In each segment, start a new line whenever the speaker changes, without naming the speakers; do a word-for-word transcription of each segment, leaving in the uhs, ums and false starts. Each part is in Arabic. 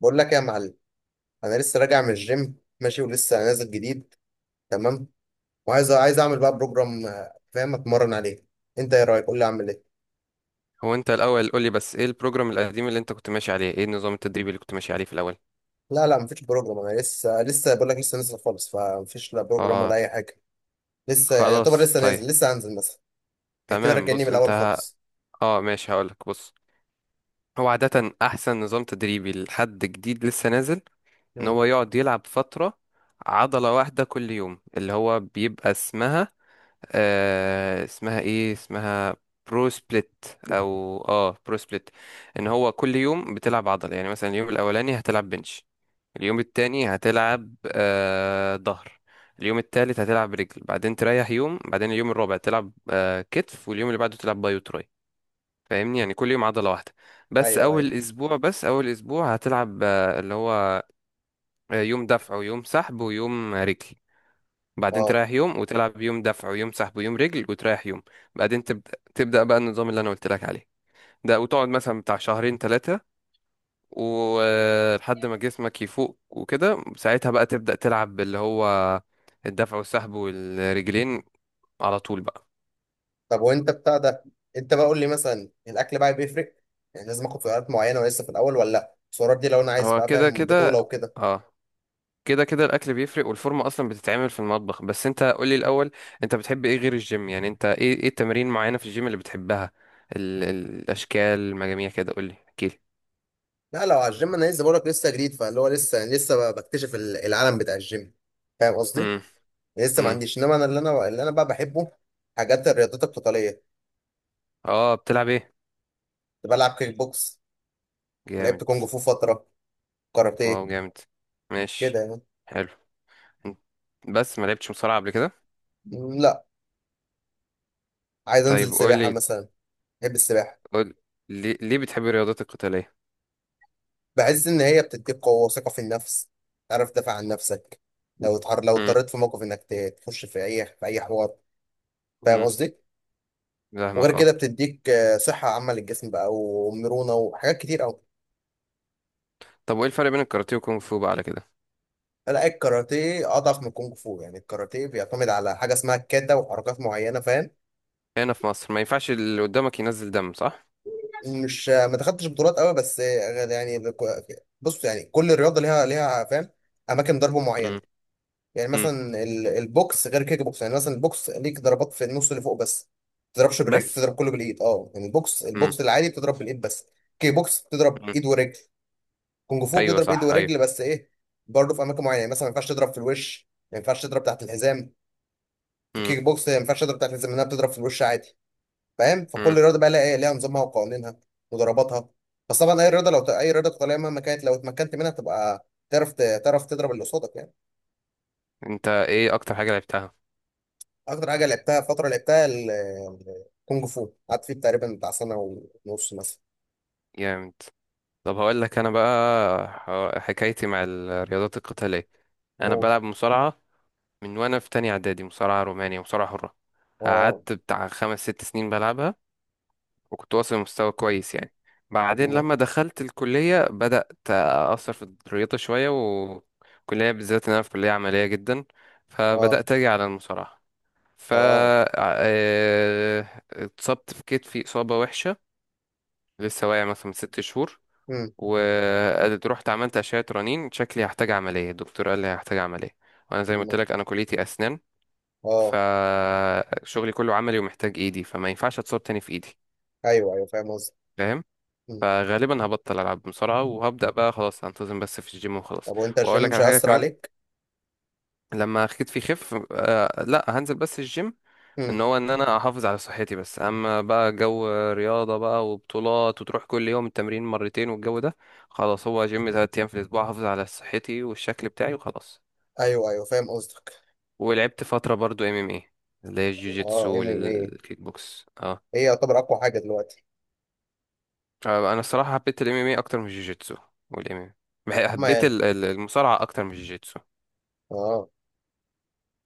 بقول لك إيه يا معلم. انا لسه راجع من الجيم ماشي، ولسه نازل جديد. تمام. وعايز عايز اعمل بقى بروجرام، آه، فاهم، اتمرن عليه. انت ايه رايك؟ قول لي اعمل ايه.
هو انت الاول قول لي بس ايه البروجرام القديم اللي انت كنت ماشي عليه، ايه النظام التدريبي اللي كنت ماشي عليه في الاول؟
لا، لا، مفيش بروجرام، انا لسه لسه بقول لك، لسه نازل خالص، فمفيش لا بروجرام ولا
اه
اي حاجه. لسه يعني يعتبر
خلاص
لسه
طيب.
نازل، لسه هنزل مثلا. اعتبرك
تمام،
كاني
بص
من
انت
الاول
ه-
خالص.
اه ماشي هقولك. بص، هو عادة احسن نظام تدريبي لحد جديد لسه نازل ان
امم.
هو يقعد يلعب فترة عضلة واحدة كل يوم، اللي هو بيبقى اسمها آه اسمها ايه اسمها برو سبليت، او اه برو سبليت. ان هو كل يوم بتلعب عضلة، يعني مثلا اليوم الاولاني هتلعب بنش، اليوم التاني هتلعب آه ظهر، اليوم التالت هتلعب رجل، بعدين تريح يوم، بعدين اليوم الرابع تلعب آه كتف، واليوم اللي بعده تلعب باي وتراي. فاهمني؟ يعني كل يوم عضلة واحدة. بس
ايوه، ايوه.
أول أسبوع بس أول أسبوع هتلعب آه اللي هو آه يوم دفع ويوم سحب ويوم رجل، بعدين
اه.
تريح يوم وتلعب يوم دفع ويوم سحب ويوم رجل وتريح يوم. بعدين تبدأ تبدأ بقى النظام اللي أنا قلت لك عليه ده، وتقعد مثلا بتاع شهرين ثلاثة، ولحد ما جسمك يفوق وكده، ساعتها بقى تبدأ تلعب باللي هو الدفع والسحب والرجلين على طول بقى.
طب وانت بتاع ده، انت بقى قول لي مثلا الاكل بقى بيفرق، يعني لازم اخد سعرات معينه ولسه في الاول، ولا لا؟ السعرات دي لو انا عايز
هو
بقى
كده
فاهم
كده،
بطوله وكده.
اه كده كده الاكل بيفرق، والفورمه اصلا بتتعمل في المطبخ. بس انت قولي الاول، انت بتحب ايه غير الجيم؟ يعني انت ايه ايه التمارين معينه في الجيم اللي بتحبها؟ ال ال الاشكال المجاميع كده، قولي احكيلي.
لا، لو على الجيم انا لسه بقولك، لسه جديد، فاللي هو لسه لسه ب- بكتشف ال- العالم بتاع الجيم. فاهم قصدي؟
امم.
لسه ما
امم.
عنديش، انما انا اللي انا اللي انا بقى بحبه حاجات الرياضات القتاليه.
اه بتلعب ايه؟
كنت بلعب كيك بوكس، ولعبت
جامد.
كونج فو فتره،
واو
كاراتيه،
جامد.
كده
ماشي.
يعني.
حلو. بس ما لعبتش مصارعه قبل كده؟
م، لا. عايز
طيب
انزل سباحه
قولي.
مثلا. بحب السباحه.
قول ليه, ليه بتحب الرياضات القتالية؟
بحس ان هي بتديك قوه وثقه في النفس، تعرف تدافع عن نفسك، لو اتحر لو
امم.
اضطريت في موقف انك ت- تخش في اي في اي حوار. فاهم
امم.
قصدي؟ وغير
فاهمك اه.
كده بتديك آه، صحه عامه للجسم بقى، ومرونه، وحاجات كتير قوي.
طب وايه الفرق بين الكاراتيه والكونغ فو بقى على كده؟
لا، الكاراتيه اضعف من الكونغ فو، يعني الكاراتيه بيعتمد على حاجه اسمها الكاتا وحركات معينه، فاهم.
هنا في مصر ما ينفعش اللي قدامك ينزل دم، صح؟
مش ما دخلتش بطولات قوي بس يعني. بص يعني كل رياضه ليها ليها فاهم اماكن ضرب معينه.
امم.
يعني
امم
مثلا ال- البوكس غير كيك بوكس، يعني مثلا البوكس ليك ضربات في النص اللي فوق بس، ما تضربش بالرجل،
بس.
تضرب كله بالايد، اه. يعني البوكس
امم.
البوكس العادي بتضرب بالايد بس. كيك بوكس بتضرب
امم.
ايد ورجل. كونغ فو
ايوه
بتضرب ايد
صح
ورجل،
ايوه.
بس ايه، برضه في اماكن معينه، يعني مثلا ما ينفعش تضرب في الوش، ما ينفعش تضرب تحت الحزام. في
امم.
الكيك بوكس ما ينفعش اضرب تحت الزي لانها بتضرب في الوش عادي. فاهم، فكل
امم.
رياضه بقى لها ايه، ليها نظامها وقوانينها وضرباتها. بس طبعا اي رياضه لو ت... اي رياضه قتاليه مهما كانت لو اتمكنت منها تبقى تعرف ت... تعرف تضرب اللي قصادك يعني.
انت ايه اكتر حاجة لعبتها؟
اكتر حاجه لعبتها فتره لعبتها ال- ال- الكونج فو، قعدت فيه تقريبا بتاع سنه ونص مثلا.
جامد. طب هقول لك انا بقى ح- حكايتي مع الرياضات القتالية. انا
أوه.
بلعب مصارعة من وانا في تانية اعدادي، مصارعة رومانية، مصارعة حرة.
اه.
قعدت بتاع خمس ست سنين بلعبها، وكنت واصل لمستوى كويس يعني. بعدين
أمم.
لما دخلت الكلية بدأت أثر في الرياضة شوية، والكلية بالذات إن أنا في كلية عملية جدا،
اه.
فبدأت أجي على المصارعة. ف
اه.
آه، اتصبت في كتفي إصابة وحشة، لسه واقع مثلا من ست شهور.
أمم.
ورحت عملت أشعة رنين، شكلي هحتاج عملية، الدكتور قال لي هحتاج عملية. وأنا زي ما قلت
أمم.
لك أنا كليتي أسنان،
اه.
فشغلي كله عملي ومحتاج إيدي، فما ينفعش أتصاب تاني في إيدي.
ايوه، ايوه، فاهم قصدك.
فاهم؟
أمم.
فغالبا هبطل العب بسرعه وهبدا بقى خلاص انتظم بس في الجيم وخلاص.
طب وانت الجيم
واقول لك
مش
على حاجه
هيأثر
كمان،
عليك؟
لما خدتي يخف آه لا هنزل بس الجيم.
أمم.
ان هو ان انا احافظ على صحتي بس، اما بقى جو رياضه بقى وبطولات وتروح كل يوم التمرين مرتين والجو ده، خلاص، هو جيم ثلاث ايام في الاسبوع احافظ على صحتي والشكل بتاعي وخلاص.
ايوه، ايوه، فاهم قصدك.
ولعبت فتره برضو ام ام اي، اللي هي الجوجيتسو
اه، ام ام ايه،
والكيك بوكس اه.
هي يعتبر اقوى حاجه دلوقتي.
آه، انا الصراحه حبيت الام ام اي اكتر من الجوجيتسو. والام ام اي،
ما
حبيت
يعني.
ال- ال- المصارعه اكتر من الجوجيتسو.
اه.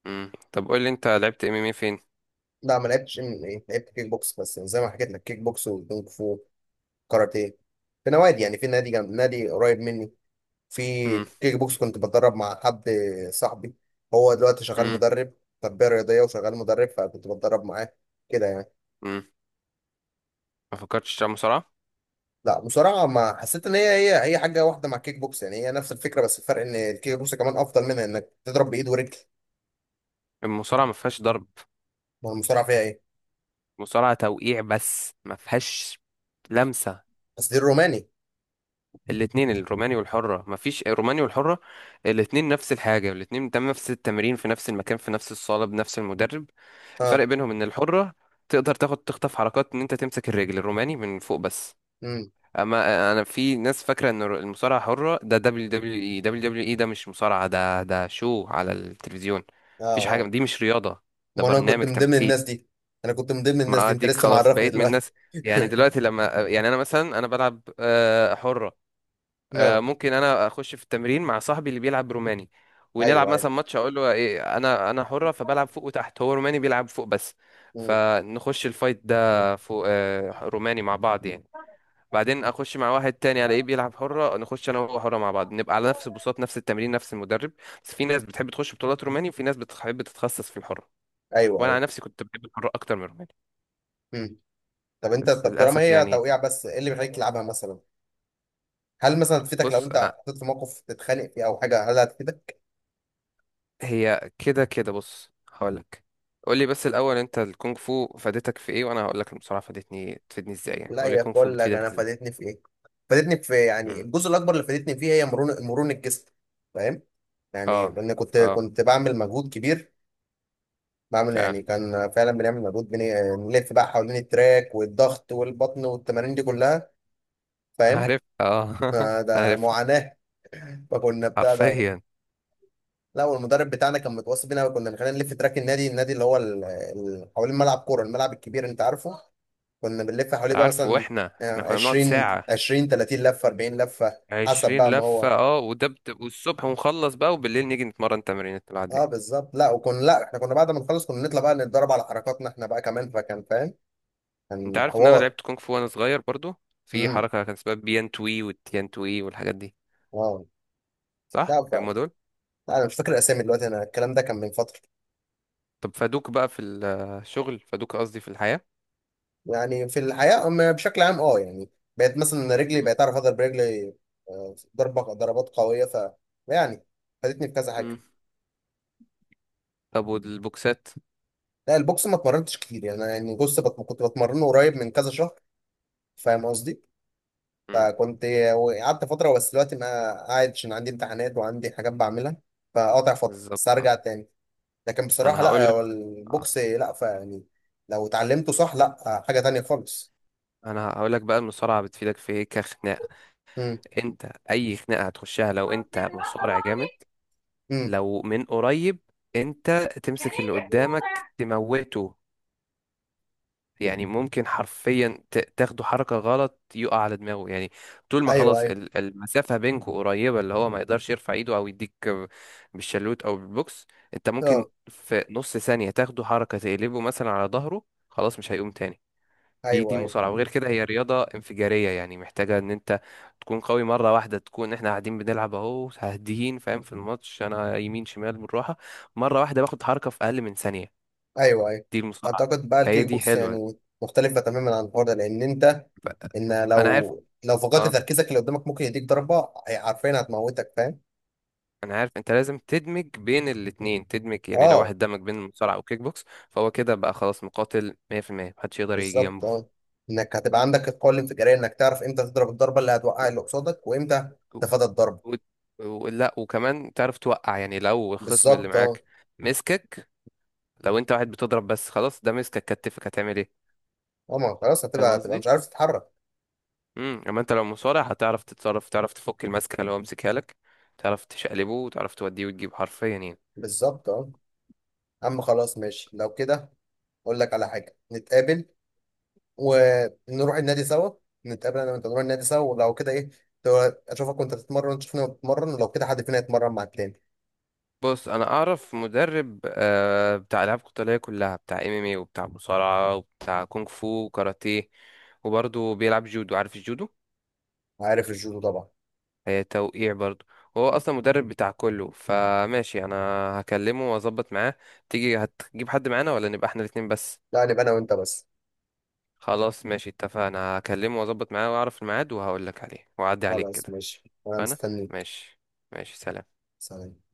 مم. طب قول لي انت لعبت ام ام اي فين؟
لا ما لعبتش ام ام ايه، لعبت كيك بوكس بس، زي ما حكيت لك، كيك بوكس وكونغ فو، كاراتيه، في نوادي يعني، في نادي جنب، نادي قريب مني. في
مم.
كيك بوكس كنت بتدرب مع حد، صاحبي، هو دلوقتي شغال
مم.
مدرب، تربية رياضية وشغال مدرب، فكنت بتدرب معاه، كده يعني.
مم. ما فكرتش تلعب مصارعه؟
لا، مصارعة ما حسيت ان هي هي هي حاجة واحدة مع الكيك بوكس، يعني هي نفس الفكرة، بس الفرق ان الكيك بوكس كمان افضل منها انك تضرب بايد ورجل.
المصارعه ما فيهاش ضرب.
ما المصارعة فيها ايه؟
المصارعه توقيع بس، ما فيهاش لمسه.
بس دي الروماني.
الاثنين الروماني والحره، ما فيش، الروماني والحره الاثنين نفس الحاجه، الاثنين بتعمل نفس التمرين في نفس المكان في نفس الصاله بنفس المدرب.
اه.
الفرق بينهم ان الحره تقدر تاخد تخطف حركات، ان انت تمسك الرجل. الروماني من فوق بس.
امم.
اما انا، في ناس فاكره ان المصارعه حره ده دبليو دبليو اي، دبليو دبليو اي ده مش مصارعه، ده ده شو على التلفزيون،
اه.
مفيش حاجه
اه.
دي مش رياضه، ده
ما انا كنت
برنامج
من ضمن
تمثيل.
الناس دي. انا كنت من ضمن الناس
ما
دي، انت
اديك
لسه
خلاص
معرفني
بقيت من
دلوقتي
الناس. يعني دلوقتي لما، يعني انا مثلا انا بلعب آه، حره، آه،
اه.
ممكن انا اخش في التمرين مع صاحبي اللي بيلعب روماني، ونلعب
ايوه، ايوه.
مثلا ماتش اقول له ايه انا انا حره فبلعب فوق وتحت، هو روماني بيلعب فوق بس،
مم.
فنخش الفايت ده فوق آه، روماني مع بعض يعني. بعدين اخش مع واحد تاني الاقيه بيلعب حره، نخش انا وهو حره مع بعض، نبقى على نفس البساط نفس التمرين نفس المدرب. بس في ناس بتحب تخش بطولات روماني، وفي ناس بتحب تتخصص في الحره.
ايوه،
وانا
ايوه.
على نفسي كنت بحب الحره اكتر من الروماني.
مم. طب انت،
بس
طب طالما
للاسف
هي
يعني.
توقيع بس، ايه اللي بيخليك تلعبها مثلا؟ هل مثلا تفيدك لو
بص
انت
آه،
حطيت في موقف تتخانق فيه او حاجه، هل هتفيدك؟
هي كده كده. بص هقولك، قول لي بس الاول انت الكونغ فو فادتك في ايه، وانا هقول لك المصارعه فادتني، تفيدني ازاي يعني،
لا
قول لي
يا،
الكونغ فو
بقول لك
بتفيدك
انا
ازاي.
فادتني في ايه، فادتني في يعني
مم.
الجزء الاكبر اللي فادتني فيه هي مرونه مرونه الجسم، فاهم، يعني
اه.
لان كنت
اه.
كنت بعمل مجهود كبير، بعمل
فعلا.
يعني، كان فعلا بنعمل مجهود، بن- بنلف بقى حوالين التراك والضغط والبطن والتمارين دي كلها، فاهم.
عارف اه
ما ده
عارف.
معاناة. فكنا بتاع ده.
حرفيا.
لا، والمدرب بتاعنا كان متوصي بينا، وكنا بنخلينا نلف تراك النادي، النادي اللي هو ال- ال- حوالين ملعب كورة، الملعب الكبير، انت عارفه، كنا بنلف حواليه بقى
عارف.
مثلا
واحنا
آه،
احنا كنا بنقعد
عشرين،
ساعه،
عشرين، ثلاثين لفة، اربعين لفة، حسب
عشرين
بقى ما
لفة
هو.
اه، وده بت... والصبح، ونخلص بقى وبالليل نيجي نتمرن تمرين
اه
العادية.
بالظبط. لا، وكنا، لا، احنا كنا بعد ما نخلص كنا نطلع بقى نتدرب على حركاتنا احنا بقى كمان، فكان فاهم،
انت
كان
عارف ان انا
حوار.
لعبت كونغ فو وانا صغير برضو؟ في
امم.
حركة كان اسمها بيان توي والتيان توي والحاجات دي،
واو.
صح
لا ف...
هم دول؟
لا انا مش فاكر الاسامي دلوقتي، انا الكلام ده كان من فترة.
طب فادوك بقى في الشغل، فادوك قصدي في الحياة؟
يعني في الحياة أما بشكل عام اه يعني، بقيت مثلا رجلي،
مم.
بقيت اعرف اضرب رجلي آه، ضربة ضربات قوية، ف يعني فادتني في كذا
مم.
حاجة.
طب والبوكسات؟
لا، البوكس ما اتمرنتش كتير يعني أنا، يعني، بص بت- كنت بتمرنه قريب من كذا شهر، فاهم قصدي،
مم.
فكنت، قعدت فترة بس دلوقتي ما، قاعد عشان عندي امتحانات وعندي حاجات بعملها، فقاطع فترة بس
بالظبط اه.
هرجع تاني. لكن
انا
بصراحة،
هقول
لا
لك،
هو البوكس، لا فيعني، لو اتعلمته صح لا حاجة تانية خالص.
انا هقول لك بقى المصارعة بتفيدك في ايه كخناقة.
امم.
انت اي خناقة هتخشها لو انت مصارع جامد،
امم.
لو من قريب، انت تمسك اللي قدامك تموته، يعني ممكن حرفيا ت- تاخدوا حركة غلط يقع على دماغه يعني. طول ما
ايوه،
خلاص
ايوه.
ال- المسافة بينكوا قريبة، اللي هو ما يقدرش يرفع ايده او يديك بالشلوت او بالبوكس، انت ممكن
اه.
في نص ثانية تاخدوا حركة تقلبه مثلا على ظهره، خلاص مش هيقوم تاني. دي
ايوه،
دي
ايوه.
مصارعة. وغير كده هي رياضة انفجارية، يعني محتاجة ان انت تكون قوي مرة واحدة. تكون احنا قاعدين بنلعب اهو هاديين فاهم، في الماتش انا يمين شمال بالراحة، مرة واحدة باخد حركة في اقل من ثانية.
ايوه، ايوه.
دي المصارعة،
اعتقد بقى
فهي
الكيك
دي
بوكس
حلوة.
يعني مختلفه تماما عن الحوار ده، لان انت،
ف-
ان
انا عارف
لو لو فقدت
اه،
تركيزك اللي قدامك ممكن يديك ضربه، عارفين هتموتك، فاهم.
انا عارف، انت لازم تدمج بين الاتنين. تدمج يعني، لو
اه
واحد دمج بين المصارعه وكيك بوكس فهو كده بقى خلاص مقاتل، مية في المية محدش يقدر يجي
بالظبط
جنبه.
اه. انك هتبقى عندك القوه الانفجاريه، انك تعرف امتى تضرب الضربه اللي هتوقع اللي قصادك، وامتى
و...
تتفادى الضربه.
و... لا وكمان تعرف توقع، يعني لو الخصم اللي
بالظبط اه.
معاك مسكك، لو انت واحد بتضرب بس، خلاص ده مسكك كتفك هتعمل ايه؟
اه، ما خلاص
فاهم
هتبقى هتبقى مش
قصدي؟
عارف تتحرك.
امم، اما انت لو مصارع هتعرف تتصرف، تعرف تفك الماسكه اللي هو مسكها لك، تعرف تشقلبه وتعرف توديه وتجيب حرفيا يعني.
بالظبط اه. اما خلاص ماشي لو كده، اقول لك على حاجه، نتقابل ونروح النادي سوا، نتقابل انا وانت نروح النادي سوا، ولو كده ايه، تو- اشوفك وانت بتتمرن، وأنت تشوفني وأنا بتمرن، ولو كده حد فينا يتمرن مع التاني.
بص انا اعرف مدرب آه، بتاع العاب قتاليه كلها، بتاع ام ام اي وبتاع مصارعه وبتاع كونغ فو وكاراتيه، وبرضه بيلعب جودو، عارف الجودو؟
عارف الجودو طبعا.
هي توقيع برضه. هو اصلا مدرب بتاع كله، فماشي انا هكلمه واظبط معاه. تيجي هتجيب حد معانا ولا نبقى احنا الاتنين بس؟
لا، نبقى انا وانت بس.
خلاص ماشي اتفقنا، هكلمه واظبط معاه واعرف الميعاد وهقول لك عليه واعدي عليك
خلاص
كده.
ماشي، وانا
انا
مستنيك.
ماشي. ماشي سلام.
سلام.